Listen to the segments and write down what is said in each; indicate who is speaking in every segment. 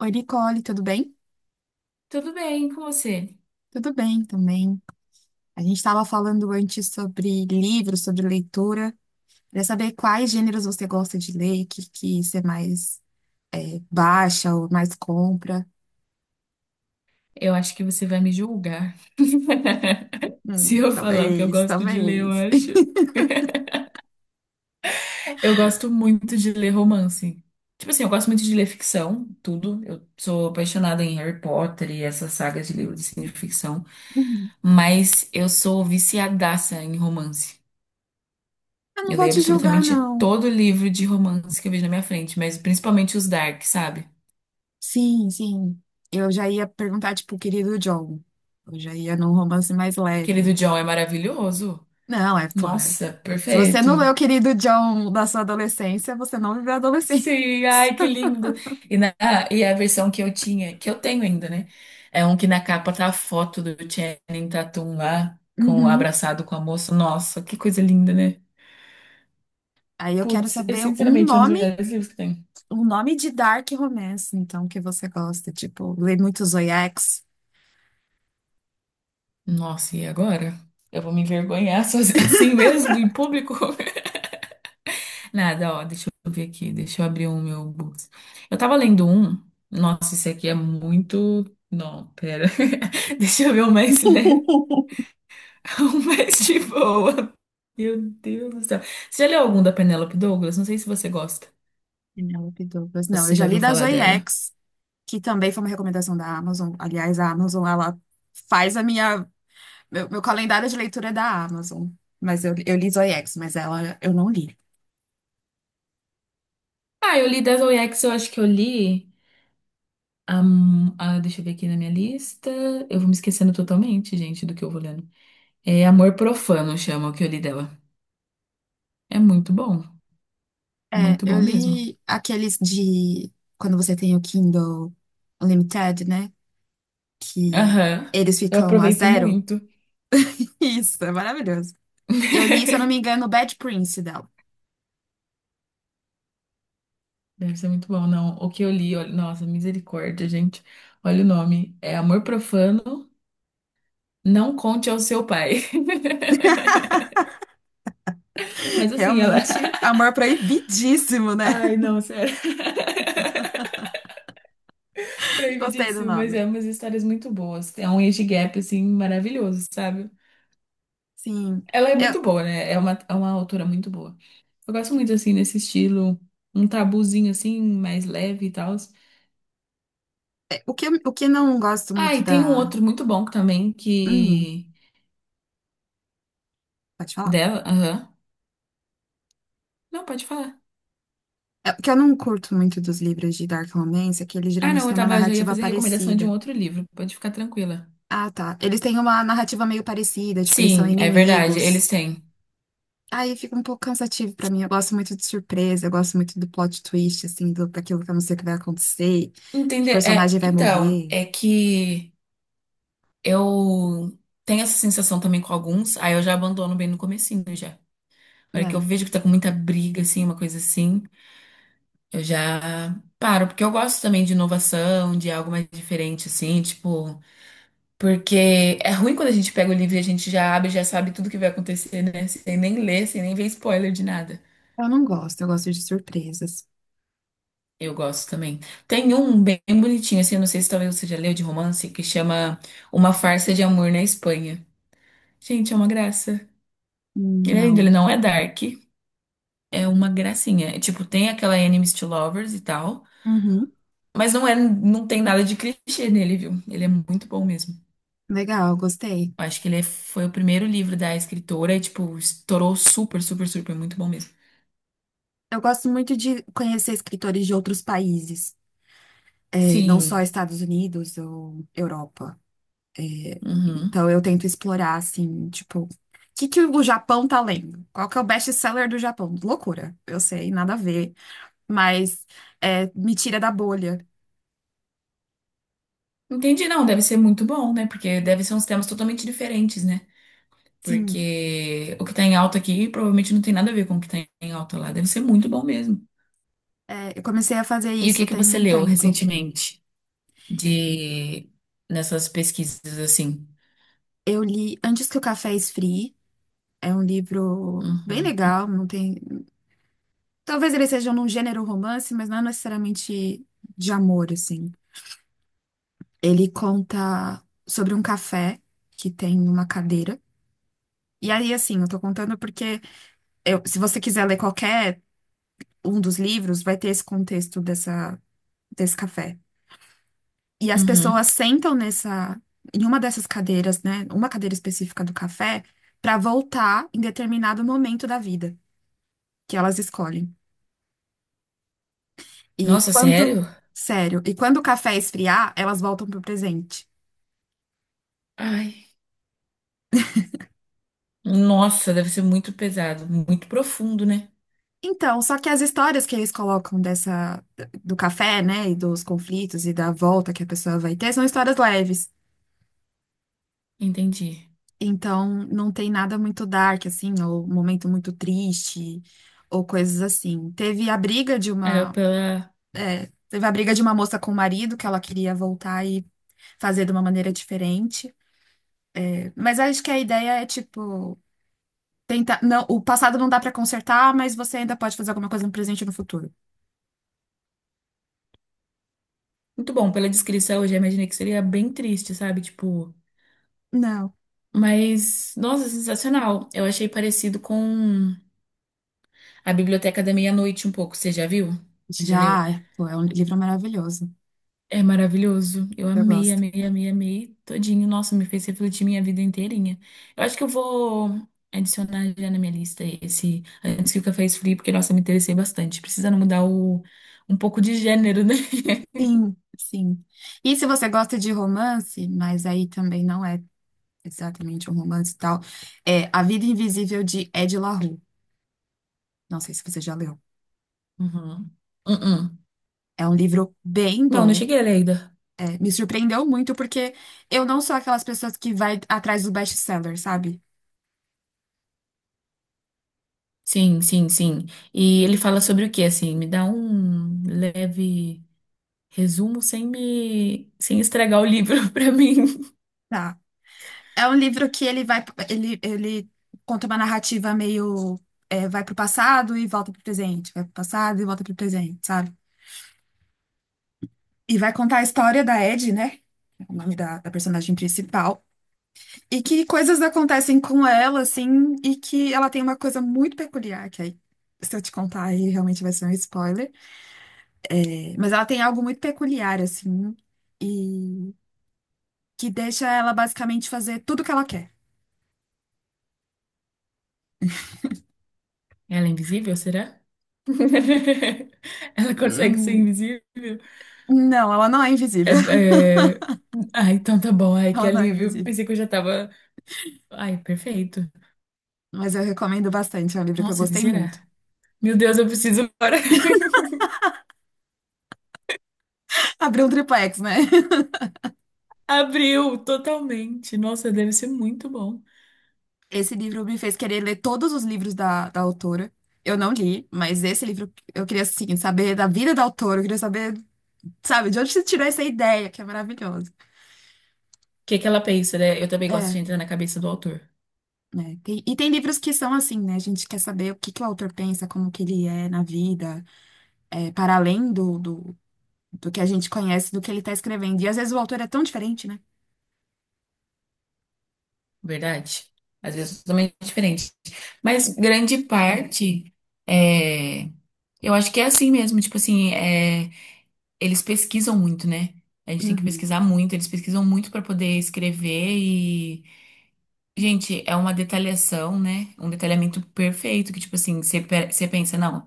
Speaker 1: Oi, Nicole, tudo bem?
Speaker 2: Tudo bem com você?
Speaker 1: Tudo bem também. A gente estava falando antes sobre livros, sobre leitura. Queria saber quais gêneros você gosta de ler, que você mais baixa ou mais compra.
Speaker 2: Eu acho que você vai me julgar. Se eu falar o que eu
Speaker 1: Talvez,
Speaker 2: gosto de ler, eu
Speaker 1: talvez.
Speaker 2: acho. Eu gosto muito de ler romance. Tipo assim, eu gosto muito de ler ficção, tudo. Eu sou apaixonada em Harry Potter e essas sagas de livros assim, de ficção.
Speaker 1: Hum,
Speaker 2: Mas eu sou viciadaça em romance.
Speaker 1: Eu não
Speaker 2: Eu
Speaker 1: vou
Speaker 2: leio
Speaker 1: te julgar,
Speaker 2: absolutamente
Speaker 1: não.
Speaker 2: todo livro de romance que eu vejo na minha frente, mas principalmente os dark, sabe?
Speaker 1: Sim, sim. Eu já ia perguntar, tipo, o querido John. Eu já ia num romance mais
Speaker 2: Aquele do
Speaker 1: leve.
Speaker 2: John é maravilhoso.
Speaker 1: Não, é, pô.
Speaker 2: Nossa,
Speaker 1: Se você
Speaker 2: perfeito.
Speaker 1: não leu o Querido John da sua adolescência, você não viveu a adolescência.
Speaker 2: Sim, ai, que lindo. E, na, e a versão que eu tinha, que eu tenho ainda, né? É um que na capa tá a foto do Channing Tatum lá, com, abraçado com a moça. Nossa, que coisa linda, né?
Speaker 1: Aí eu quero
Speaker 2: Putz, é
Speaker 1: saber
Speaker 2: sinceramente um dos melhores livros que tem.
Speaker 1: um nome de dark romance, então, que você gosta. Tipo, lê muito Zoiex,
Speaker 2: Nossa, e agora? Eu vou me envergonhar assim mesmo, em público? Nada, ó, deixa eu ver aqui, deixa eu abrir o meu books. Eu tava lendo um, nossa, esse aqui é muito. Não, pera. Deixa eu ver o mais leve. Um mês de boa. Meu Deus do céu. Você já leu algum da Penélope Douglas? Não sei se você gosta.
Speaker 1: Penélope Douglas.
Speaker 2: Ou se
Speaker 1: Não, eu
Speaker 2: você
Speaker 1: já
Speaker 2: já
Speaker 1: li
Speaker 2: viu
Speaker 1: da
Speaker 2: falar dela.
Speaker 1: Zoiex, que também foi uma recomendação da Amazon. Aliás, a Amazon, ela faz a minha... Meu calendário de leitura é da Amazon. Mas eu, li Zoiex, mas ela eu não li.
Speaker 2: Ah, eu li Devil X, eu acho que eu li. Deixa eu ver aqui na minha lista. Eu vou me esquecendo totalmente, gente, do que eu vou lendo. É Amor Profano, chama o que eu li dela. É muito bom.
Speaker 1: É,
Speaker 2: Muito
Speaker 1: eu
Speaker 2: bom mesmo.
Speaker 1: li aqueles de... Quando você tem o Kindle Unlimited, né? Que
Speaker 2: Aham.
Speaker 1: eles
Speaker 2: Eu
Speaker 1: ficam a
Speaker 2: aproveito
Speaker 1: zero.
Speaker 2: muito.
Speaker 1: Isso, é maravilhoso. Eu li, se eu não me engano, Bad Prince dela.
Speaker 2: Deve ser muito bom, não. O que eu li, olha, nossa, misericórdia, gente. Olha o nome. É Amor Profano. Não conte ao seu pai. Mas assim, ela.
Speaker 1: Realmente, amor proibidíssimo, né?
Speaker 2: Ai, não, sério.
Speaker 1: Gostei do
Speaker 2: Proibidíssimo, mas
Speaker 1: nome.
Speaker 2: é umas histórias muito boas. É um age gap, assim, maravilhoso, sabe?
Speaker 1: Sim.
Speaker 2: Ela é
Speaker 1: Eu,
Speaker 2: muito boa, né? É uma autora muito boa. Eu gosto muito, assim, nesse estilo, um tabuzinho, assim, mais leve e tal.
Speaker 1: é, o que, eu- O que eu não gosto
Speaker 2: Ah,
Speaker 1: muito
Speaker 2: e tem um
Speaker 1: da.
Speaker 2: outro muito bom também,
Speaker 1: Hum,
Speaker 2: que.
Speaker 1: Pode falar.
Speaker 2: Dela. Aham. Não, pode falar.
Speaker 1: É, o que eu não curto muito dos livros de Dark Romance é que eles
Speaker 2: Ah,
Speaker 1: geralmente
Speaker 2: não, eu
Speaker 1: têm uma
Speaker 2: tava, já ia
Speaker 1: narrativa
Speaker 2: fazer recomendação de um
Speaker 1: parecida.
Speaker 2: outro livro. Pode ficar tranquila.
Speaker 1: Ah, tá. Eles têm uma narrativa meio parecida, tipo, eles são
Speaker 2: Sim, é verdade,
Speaker 1: inimigos.
Speaker 2: eles têm.
Speaker 1: Aí fica um pouco cansativo pra mim. Eu gosto muito de surpresa, eu gosto muito do plot twist, assim, daquilo que eu não sei o que vai acontecer, que
Speaker 2: Entender. É,
Speaker 1: personagem vai
Speaker 2: então,
Speaker 1: morrer,
Speaker 2: é que eu tenho essa sensação também com alguns, aí eu já abandono bem no comecinho já. Na hora que eu
Speaker 1: né?
Speaker 2: vejo que tá com muita briga, assim, uma coisa assim, eu já paro, porque eu gosto também de inovação, de algo mais diferente, assim, tipo, porque é ruim quando a gente pega o livro e a gente já abre, já sabe tudo que vai acontecer, né? Sem nem ler, sem nem ver spoiler de nada.
Speaker 1: Eu não gosto, eu gosto de surpresas.
Speaker 2: Eu gosto também. Tem um bem bonitinho, assim, eu não sei se talvez você já leu de romance, que chama Uma Farsa de Amor na Espanha. Gente, é uma graça. Ele é lindo, ele
Speaker 1: Não.
Speaker 2: não é dark, é uma gracinha. É, tipo, tem aquela enemies to lovers e tal,
Speaker 1: Uhum.
Speaker 2: mas não é, não tem nada de clichê nele, viu? Ele é muito bom mesmo.
Speaker 1: Legal, gostei.
Speaker 2: Eu acho que ele foi o primeiro livro da escritora e, tipo, estourou super, super, super, muito bom mesmo.
Speaker 1: Eu gosto muito de conhecer escritores de outros países, não só
Speaker 2: Sim.
Speaker 1: Estados Unidos ou Europa.
Speaker 2: Uhum.
Speaker 1: Então eu tento explorar, assim, tipo, o que que o Japão tá lendo? Qual que é o best-seller do Japão? Loucura, eu sei, nada a ver, mas me tira da bolha.
Speaker 2: Entendi, não, deve ser muito bom, né? Porque deve ser uns temas totalmente diferentes, né?
Speaker 1: Sim,
Speaker 2: Porque o que tá em alta aqui provavelmente não tem nada a ver com o que tá em alta lá. Deve ser muito bom mesmo.
Speaker 1: eu comecei a fazer
Speaker 2: E o que
Speaker 1: isso
Speaker 2: que
Speaker 1: tem
Speaker 2: você
Speaker 1: um
Speaker 2: leu
Speaker 1: tempo.
Speaker 2: recentemente? De nessas pesquisas assim.
Speaker 1: Eu li Antes que o Café Esfrie, é um livro bem
Speaker 2: Uhum.
Speaker 1: legal, não tem, talvez ele seja num gênero romance, mas não é necessariamente de amor, assim. Ele conta sobre um café que tem uma cadeira. E aí, assim, eu tô contando porque se você quiser ler qualquer um dos livros, vai ter esse contexto desse café. E as pessoas
Speaker 2: Uhum.
Speaker 1: sentam em uma dessas cadeiras, né? Uma cadeira específica do café, pra voltar em determinado momento da vida que elas escolhem. E
Speaker 2: Nossa,
Speaker 1: quando,
Speaker 2: sério?
Speaker 1: sério, e quando o café esfriar, elas voltam pro presente.
Speaker 2: Ai, nossa, deve ser muito pesado, muito profundo, né?
Speaker 1: Então, só que as histórias que eles colocam dessa do café, né, e dos conflitos e da volta que a pessoa vai ter, são histórias leves.
Speaker 2: Entendi.
Speaker 1: Então, não tem nada muito dark assim, ou momento muito triste, ou coisas assim.
Speaker 2: Aí eu pela
Speaker 1: Teve a briga de uma moça com o marido que ela queria voltar e fazer de uma maneira diferente. Mas acho que a ideia é tipo tentar, não, o passado não dá pra consertar, mas você ainda pode fazer alguma coisa no presente e no futuro.
Speaker 2: Muito bom, pela descrição, eu já imaginei que seria bem triste, sabe? Tipo,
Speaker 1: Não.
Speaker 2: mas nossa, sensacional. Eu achei parecido com a Biblioteca da Meia-Noite um pouco. Você já viu? Você já leu?
Speaker 1: Já, pô, é um livro maravilhoso.
Speaker 2: É maravilhoso. Eu
Speaker 1: Eu
Speaker 2: amei,
Speaker 1: gosto.
Speaker 2: amei, amei, amei todinho. Nossa, me fez refletir minha vida inteirinha. Eu acho que eu vou adicionar já na minha lista esse antes que o café esfrie, porque, nossa, me interessei bastante. Precisando mudar o, um pouco de gênero, né?
Speaker 1: Sim, sim. E se você gosta de romance, mas aí também não é exatamente um romance e tal, é A Vida Invisível de Ed La Rue. Não sei se você já leu.
Speaker 2: Uhum. Uhum.
Speaker 1: É um livro bem
Speaker 2: Não, não
Speaker 1: bom.
Speaker 2: cheguei a ler ainda.
Speaker 1: É, me surpreendeu muito porque eu não sou aquelas pessoas que vai atrás do best-seller, sabe?
Speaker 2: Sim, sim, sim. E ele fala sobre o quê, assim? Me dá um leve resumo sem me, sem estragar o livro pra mim.
Speaker 1: Tá. É um livro que ele vai, ele conta uma narrativa meio, vai pro passado e volta pro presente, vai pro passado e volta pro presente, sabe? E vai contar a história da Ed, né? É o nome da personagem principal. E que coisas acontecem com ela, assim, e que ela tem uma coisa muito peculiar, que aí, se eu te contar, aí realmente vai ser um spoiler. É, mas ela tem algo muito peculiar, assim, e que deixa ela basicamente fazer tudo o que ela quer.
Speaker 2: Ela é invisível, será? Ela consegue ser
Speaker 1: Hum,
Speaker 2: invisível?
Speaker 1: não, ela não é
Speaker 2: É,
Speaker 1: invisível.
Speaker 2: é... Ah, então tá bom. Ai, que
Speaker 1: Ela não é
Speaker 2: alívio.
Speaker 1: invisível.
Speaker 2: Pensei que eu já tava. Ai, perfeito.
Speaker 1: Mas eu recomendo bastante, é um livro que eu
Speaker 2: Nossa, que
Speaker 1: gostei muito.
Speaker 2: será? Meu Deus, eu preciso agora.
Speaker 1: Abriu um triplex, né?
Speaker 2: Abriu totalmente. Nossa, deve ser muito bom. O
Speaker 1: Esse livro me fez querer ler todos os livros da autora. Eu não li, mas esse livro eu queria, assim, saber da vida da autora, eu queria saber. Sabe, de onde você tirou essa ideia, que é maravilhoso.
Speaker 2: que que ela pensa, né? Eu também gosto de
Speaker 1: É,
Speaker 2: entrar na cabeça do autor,
Speaker 1: né? E tem livros que são assim, né? A gente quer saber o que que o autor pensa, como que ele é na vida, para além do que a gente conhece, do que ele está escrevendo. E às vezes o autor é tão diferente, né?
Speaker 2: verdade? Às vezes é totalmente diferente. Mas grande parte é. Eu acho que é assim mesmo, tipo assim, é, eles pesquisam muito, né? A gente tem que
Speaker 1: Uhum.
Speaker 2: pesquisar muito, eles pesquisam muito para poder escrever. Gente, é uma detalhação, né? Um detalhamento perfeito, que, tipo assim, você pensa, não.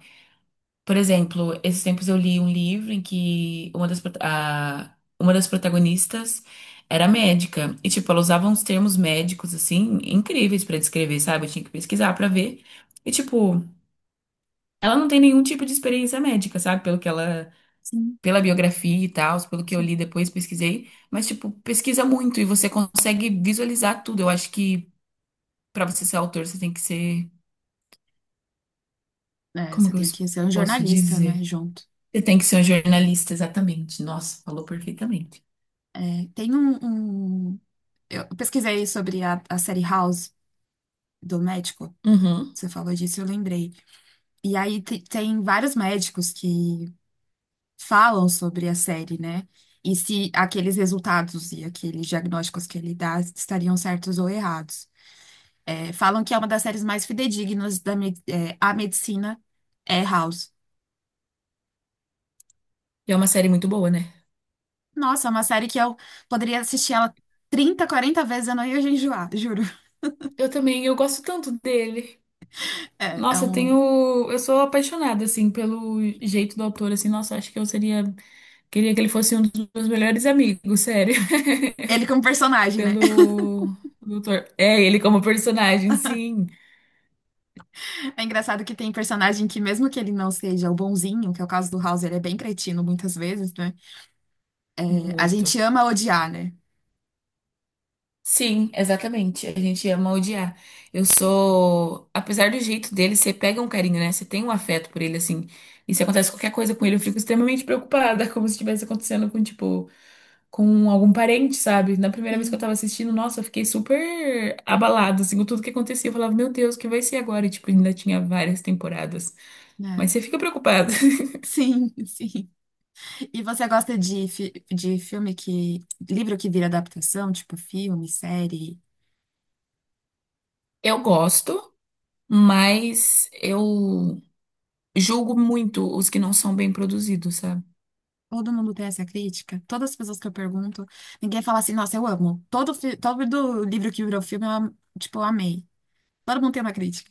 Speaker 2: Por exemplo, esses tempos eu li um livro em que uma das protagonistas era médica. E, tipo, ela usava uns termos médicos, assim, incríveis pra descrever, sabe? Eu tinha que pesquisar pra ver. E, tipo, ela não tem nenhum tipo de experiência médica, sabe? Pelo que ela.
Speaker 1: Sim,
Speaker 2: Pela biografia e tal, pelo que eu
Speaker 1: sim.
Speaker 2: li depois, pesquisei. Mas, tipo, pesquisa muito e você consegue visualizar tudo. Eu acho que. Pra você ser autor, você tem que ser.
Speaker 1: É,
Speaker 2: Como
Speaker 1: você
Speaker 2: que eu
Speaker 1: tem
Speaker 2: es-
Speaker 1: que ser um
Speaker 2: posso
Speaker 1: jornalista, né,
Speaker 2: dizer?
Speaker 1: junto.
Speaker 2: Você tem que ser um jornalista, exatamente. Nossa, falou perfeitamente.
Speaker 1: É, um- eu pesquisei sobre a série House do médico.
Speaker 2: Uhum.
Speaker 1: Você falou disso, eu lembrei. E aí tem vários médicos que falam sobre a série, né? E se aqueles resultados e aqueles diagnósticos que ele dá estariam certos ou errados. É, falam que é uma das séries mais fidedignas a medicina é House.
Speaker 2: E é uma série muito boa, né?
Speaker 1: Nossa, é uma série que eu poderia assistir ela 30, 40 vezes, eu não ia enjoar, juro.
Speaker 2: Eu também, eu gosto tanto dele.
Speaker 1: É
Speaker 2: Nossa, eu
Speaker 1: um...
Speaker 2: tenho. Eu sou apaixonada, assim, pelo jeito do autor, assim. Nossa, acho que eu seria. Queria que ele fosse um dos meus melhores amigos, sério.
Speaker 1: Ele como personagem, né?
Speaker 2: Pelo. Doutor. É, ele como personagem, sim.
Speaker 1: É engraçado que tem personagem que, mesmo que ele não seja o bonzinho, que é o caso do House, ele é bem cretino muitas vezes, né? É, a gente
Speaker 2: Muito.
Speaker 1: ama odiar, né?
Speaker 2: Sim, exatamente. A gente ama odiar. Eu sou, apesar do jeito dele, você pega um carinho, né? Você tem um afeto por ele, assim. E se acontece qualquer coisa com ele, eu fico extremamente preocupada, como se estivesse acontecendo com, tipo, com algum parente, sabe? Na primeira vez que eu
Speaker 1: Sim,
Speaker 2: tava assistindo, nossa, eu fiquei super abalada, assim, com tudo que acontecia. Eu falava, meu Deus, o que vai ser agora? E, tipo, ainda tinha várias temporadas.
Speaker 1: né?
Speaker 2: Mas você fica preocupada.
Speaker 1: Sim, sim. E você gosta de, de filme que. Livro que vira adaptação, tipo filme, série?
Speaker 2: Eu gosto, mas eu julgo muito os que não são bem produzidos, sabe?
Speaker 1: Todo mundo tem essa crítica. Todas as pessoas que eu pergunto, ninguém fala assim, nossa, eu amo. Todo livro que virou filme, eu, tipo, eu amei. Todo mundo tem uma crítica.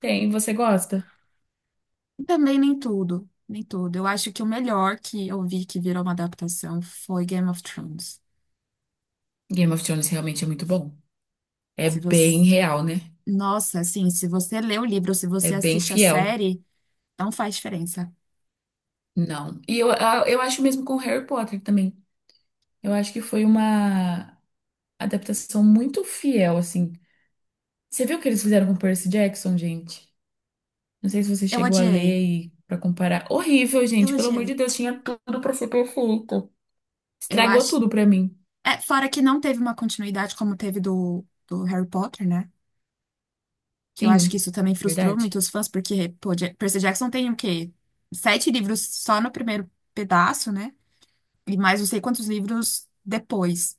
Speaker 2: Tem, você gosta?
Speaker 1: Também nem tudo. Nem tudo. Eu acho que o melhor que eu vi que virou uma adaptação foi Game of Thrones.
Speaker 2: Game of Thrones realmente é muito bom. É
Speaker 1: Se você.
Speaker 2: bem real, né?
Speaker 1: Nossa, assim, se você lê o livro, se
Speaker 2: É
Speaker 1: você
Speaker 2: bem
Speaker 1: assiste a
Speaker 2: fiel.
Speaker 1: série, não faz diferença.
Speaker 2: Não. E eu acho mesmo com Harry Potter também. Eu acho que foi uma adaptação muito fiel, assim. Você viu o que eles fizeram com Percy Jackson, gente? Não sei se você
Speaker 1: Eu
Speaker 2: chegou a ler
Speaker 1: odiei.
Speaker 2: e para comparar. Horrível,
Speaker 1: Eu
Speaker 2: gente. Pelo amor de
Speaker 1: odiei.
Speaker 2: Deus, tinha tudo para ser perfeito.
Speaker 1: Eu
Speaker 2: Estragou
Speaker 1: acho.
Speaker 2: tudo para mim.
Speaker 1: É, fora que não teve uma continuidade como teve do Harry Potter, né? Que eu acho que
Speaker 2: Sim,
Speaker 1: isso também frustrou
Speaker 2: verdade.
Speaker 1: muito os fãs, porque, pô, Percy Jackson tem o quê? Sete livros só no primeiro pedaço, né? E mais não sei quantos livros depois.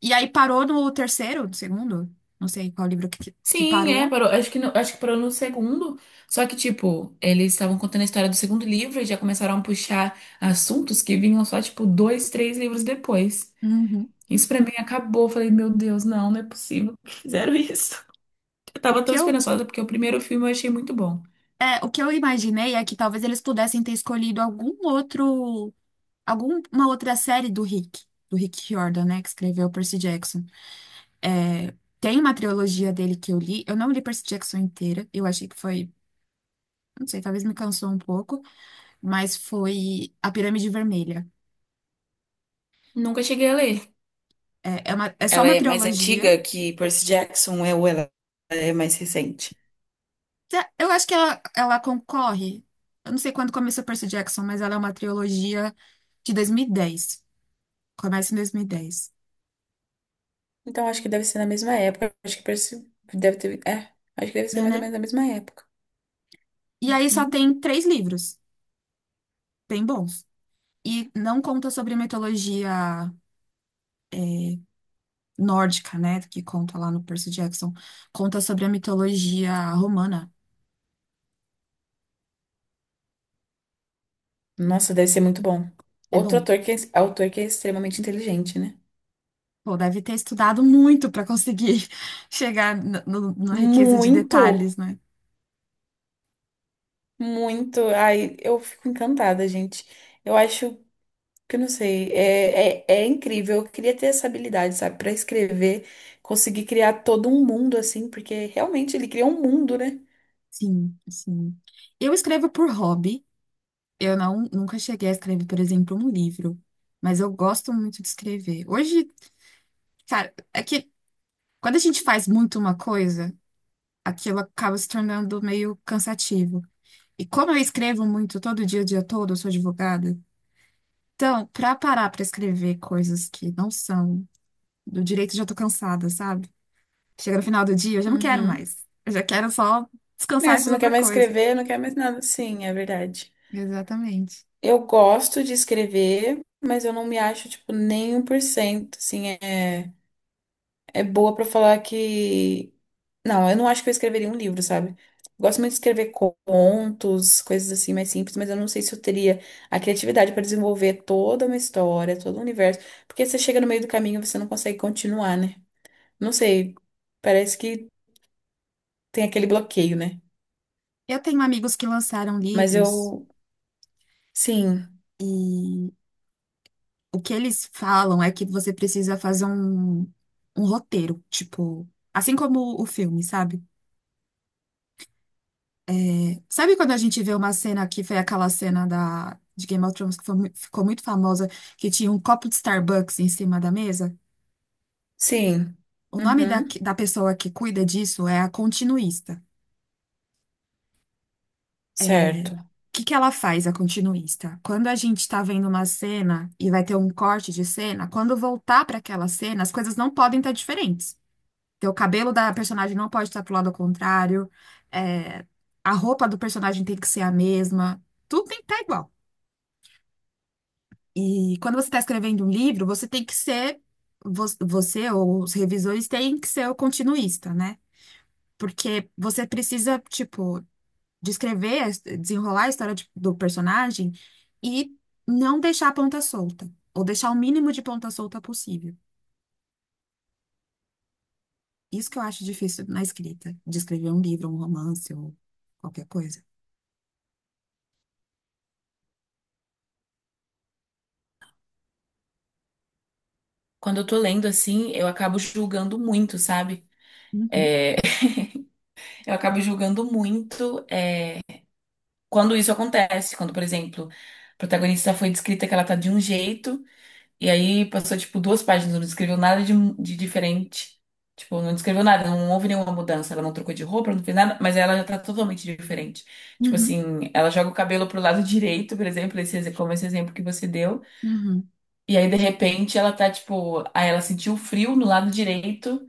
Speaker 1: E aí parou no terceiro, no segundo, não sei qual livro que
Speaker 2: Sim, é,
Speaker 1: parou.
Speaker 2: parou. Acho que parou no segundo. Só que, tipo, eles estavam contando a história do segundo livro e já começaram a puxar assuntos que vinham só, tipo, dois, três livros depois.
Speaker 1: Uhum.
Speaker 2: Isso pra mim acabou. Eu falei, meu Deus, não, não é possível que fizeram isso. Eu
Speaker 1: O
Speaker 2: tava tão
Speaker 1: que eu,
Speaker 2: esperançosa porque o primeiro filme eu achei muito bom.
Speaker 1: o que eu imaginei é que talvez eles pudessem ter escolhido algum outro, alguma outra série do Rick Riordan, né? Que escreveu Percy Jackson. É, tem uma trilogia dele que eu li. Eu não li Percy Jackson inteira. Eu achei que foi, não sei, talvez me cansou um pouco, mas foi A Pirâmide Vermelha.
Speaker 2: Nunca cheguei a ler.
Speaker 1: É só
Speaker 2: Ela
Speaker 1: uma
Speaker 2: é mais
Speaker 1: trilogia.
Speaker 2: antiga que Percy Jackson é ou ela é mais recente?
Speaker 1: Tá, eu acho que ela concorre. Eu não sei quando começou Percy Jackson, mas ela é uma trilogia de 2010. Começa em 2010,
Speaker 2: Então acho que deve ser na mesma época. Acho que Percy deve ter. É, acho que deve ser mais ou
Speaker 1: né?
Speaker 2: menos na mesma época.
Speaker 1: E aí só tem três livros, bem bons. E não conta sobre mitologia nórdica, né, que conta lá no Percy Jackson, conta sobre a mitologia romana.
Speaker 2: Nossa, deve ser muito bom.
Speaker 1: É
Speaker 2: Outro
Speaker 1: bom.
Speaker 2: ator que é, autor que é extremamente inteligente, né?
Speaker 1: Pô, deve ter estudado muito para conseguir chegar na riqueza de
Speaker 2: Muito,
Speaker 1: detalhes, né?
Speaker 2: muito. Ai, eu fico encantada, gente. Eu acho que, eu não sei, é incrível. Eu queria ter essa habilidade, sabe? Pra escrever, conseguir criar todo um mundo, assim, porque realmente ele cria um mundo, né?
Speaker 1: Sim, sim. Eu escrevo por hobby. Eu não, nunca cheguei a escrever, por exemplo, um livro, mas eu gosto muito de escrever. Hoje, cara, é que quando a gente faz muito uma coisa, aquilo acaba se tornando meio cansativo. E como eu escrevo muito todo dia, o dia todo, eu sou advogada, então, pra parar pra escrever coisas que não são do direito, eu já tô cansada, sabe? Chega no final do dia, eu já não quero
Speaker 2: Uhum.
Speaker 1: mais. Eu já quero só
Speaker 2: É,
Speaker 1: descansar e
Speaker 2: você
Speaker 1: fazer
Speaker 2: não quer
Speaker 1: outra
Speaker 2: mais
Speaker 1: coisa.
Speaker 2: escrever, não quer mais nada. Sim, é verdade.
Speaker 1: Exatamente.
Speaker 2: Eu gosto de escrever, mas eu não me acho, tipo, nem um por cento. Assim, é boa pra falar que. Não, eu não acho que eu escreveria um livro, sabe? Gosto muito de escrever contos, coisas assim mais simples, mas eu não sei se eu teria a criatividade para desenvolver toda uma história, todo um universo, porque você chega no meio do caminho e você não consegue continuar, né? Não sei, parece que tem aquele bloqueio, né?
Speaker 1: Eu tenho amigos que lançaram
Speaker 2: Mas
Speaker 1: livros
Speaker 2: eu, sim,
Speaker 1: e o que eles falam é que você precisa fazer um roteiro, tipo, assim como o filme, sabe? Sabe quando a gente vê uma cena que foi aquela cena de Game of Thrones que foi ficou muito famosa, que tinha um copo de Starbucks em cima da mesa?
Speaker 2: sim,
Speaker 1: O nome
Speaker 2: uhum,
Speaker 1: da pessoa que cuida disso é a continuista.
Speaker 2: certo.
Speaker 1: O que que ela faz, a continuista? Quando a gente está vendo uma cena e vai ter um corte de cena, quando voltar para aquela cena, as coisas não podem estar diferentes. Então, o cabelo da personagem não pode estar pro lado ao contrário, é, a roupa do personagem tem que ser a mesma, tudo tem que estar igual. E quando você está escrevendo um livro, você tem que ser, você ou os revisores têm que ser o continuista, né? Porque você precisa, tipo, descrever, desenrolar a história do personagem e não deixar a ponta solta, ou deixar o mínimo de ponta solta possível. Isso que eu acho difícil na escrita, de escrever um livro, um romance ou qualquer coisa.
Speaker 2: Quando eu tô lendo assim, eu acabo julgando muito, sabe?
Speaker 1: Uhum,
Speaker 2: É, eu acabo julgando muito quando isso acontece, quando, por exemplo, a protagonista foi descrita que ela tá de um jeito, e aí passou, tipo, duas páginas, não descreveu nada de diferente. Tipo, não descreveu nada, não houve nenhuma mudança. Ela não trocou de roupa, não fez nada, mas ela já tá totalmente diferente. Tipo
Speaker 1: uhum,
Speaker 2: assim, ela joga o cabelo pro lado direito, por exemplo, como esse exemplo que você deu.
Speaker 1: uhum,
Speaker 2: E aí, de repente, ela tá, tipo, aí ela sentiu frio no lado direito.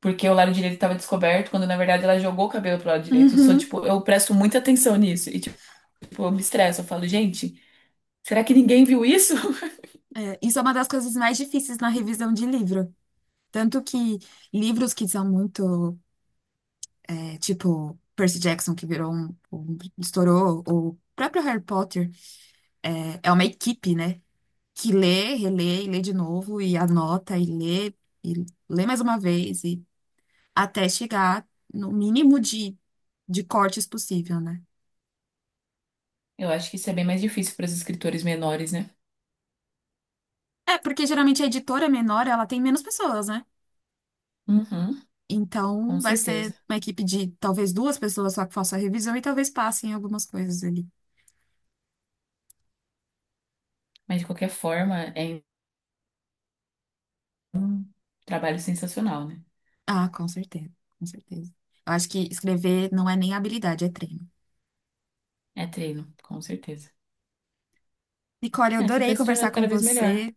Speaker 2: Porque o lado direito tava descoberto, quando na verdade ela jogou o cabelo pro lado direito. Eu sou,
Speaker 1: uhum.
Speaker 2: tipo, eu presto muita atenção nisso. E, tipo, eu me estresso, eu falo, gente, será que ninguém viu isso?
Speaker 1: É, isso é uma das coisas mais difíceis na revisão de livro. Tanto que livros que são muito, é, tipo Percy Jackson, que virou estourou, ou o próprio Harry Potter, é, é, uma equipe, né? Que lê, relê, e lê de novo, e anota, e lê mais uma vez, e até chegar no mínimo de cortes possível, né?
Speaker 2: Eu acho que isso é bem mais difícil para os escritores menores, né?
Speaker 1: É, porque geralmente a editora menor, ela tem menos pessoas, né?
Speaker 2: Uhum, com
Speaker 1: Então vai
Speaker 2: certeza.
Speaker 1: ser uma equipe de talvez duas pessoas só que faça a revisão e talvez passem algumas coisas ali.
Speaker 2: Mas de qualquer forma, é um trabalho sensacional, né?
Speaker 1: Ah, com certeza, com certeza. Eu acho que escrever não é nem habilidade, é treino.
Speaker 2: É treino, com certeza.
Speaker 1: Nicole, eu
Speaker 2: É, você
Speaker 1: adorei
Speaker 2: vai se
Speaker 1: conversar
Speaker 2: tornando
Speaker 1: com
Speaker 2: cada vez melhor.
Speaker 1: você.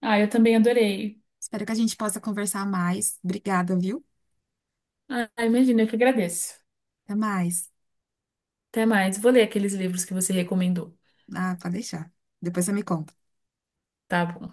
Speaker 2: Ah, eu também adorei.
Speaker 1: Espero que a gente possa conversar mais. Obrigada, viu?
Speaker 2: Ah, imagina, eu que agradeço.
Speaker 1: Até mais.
Speaker 2: Até mais. Vou ler aqueles livros que você recomendou.
Speaker 1: Ah, pode deixar. Depois você me conta.
Speaker 2: Tá bom.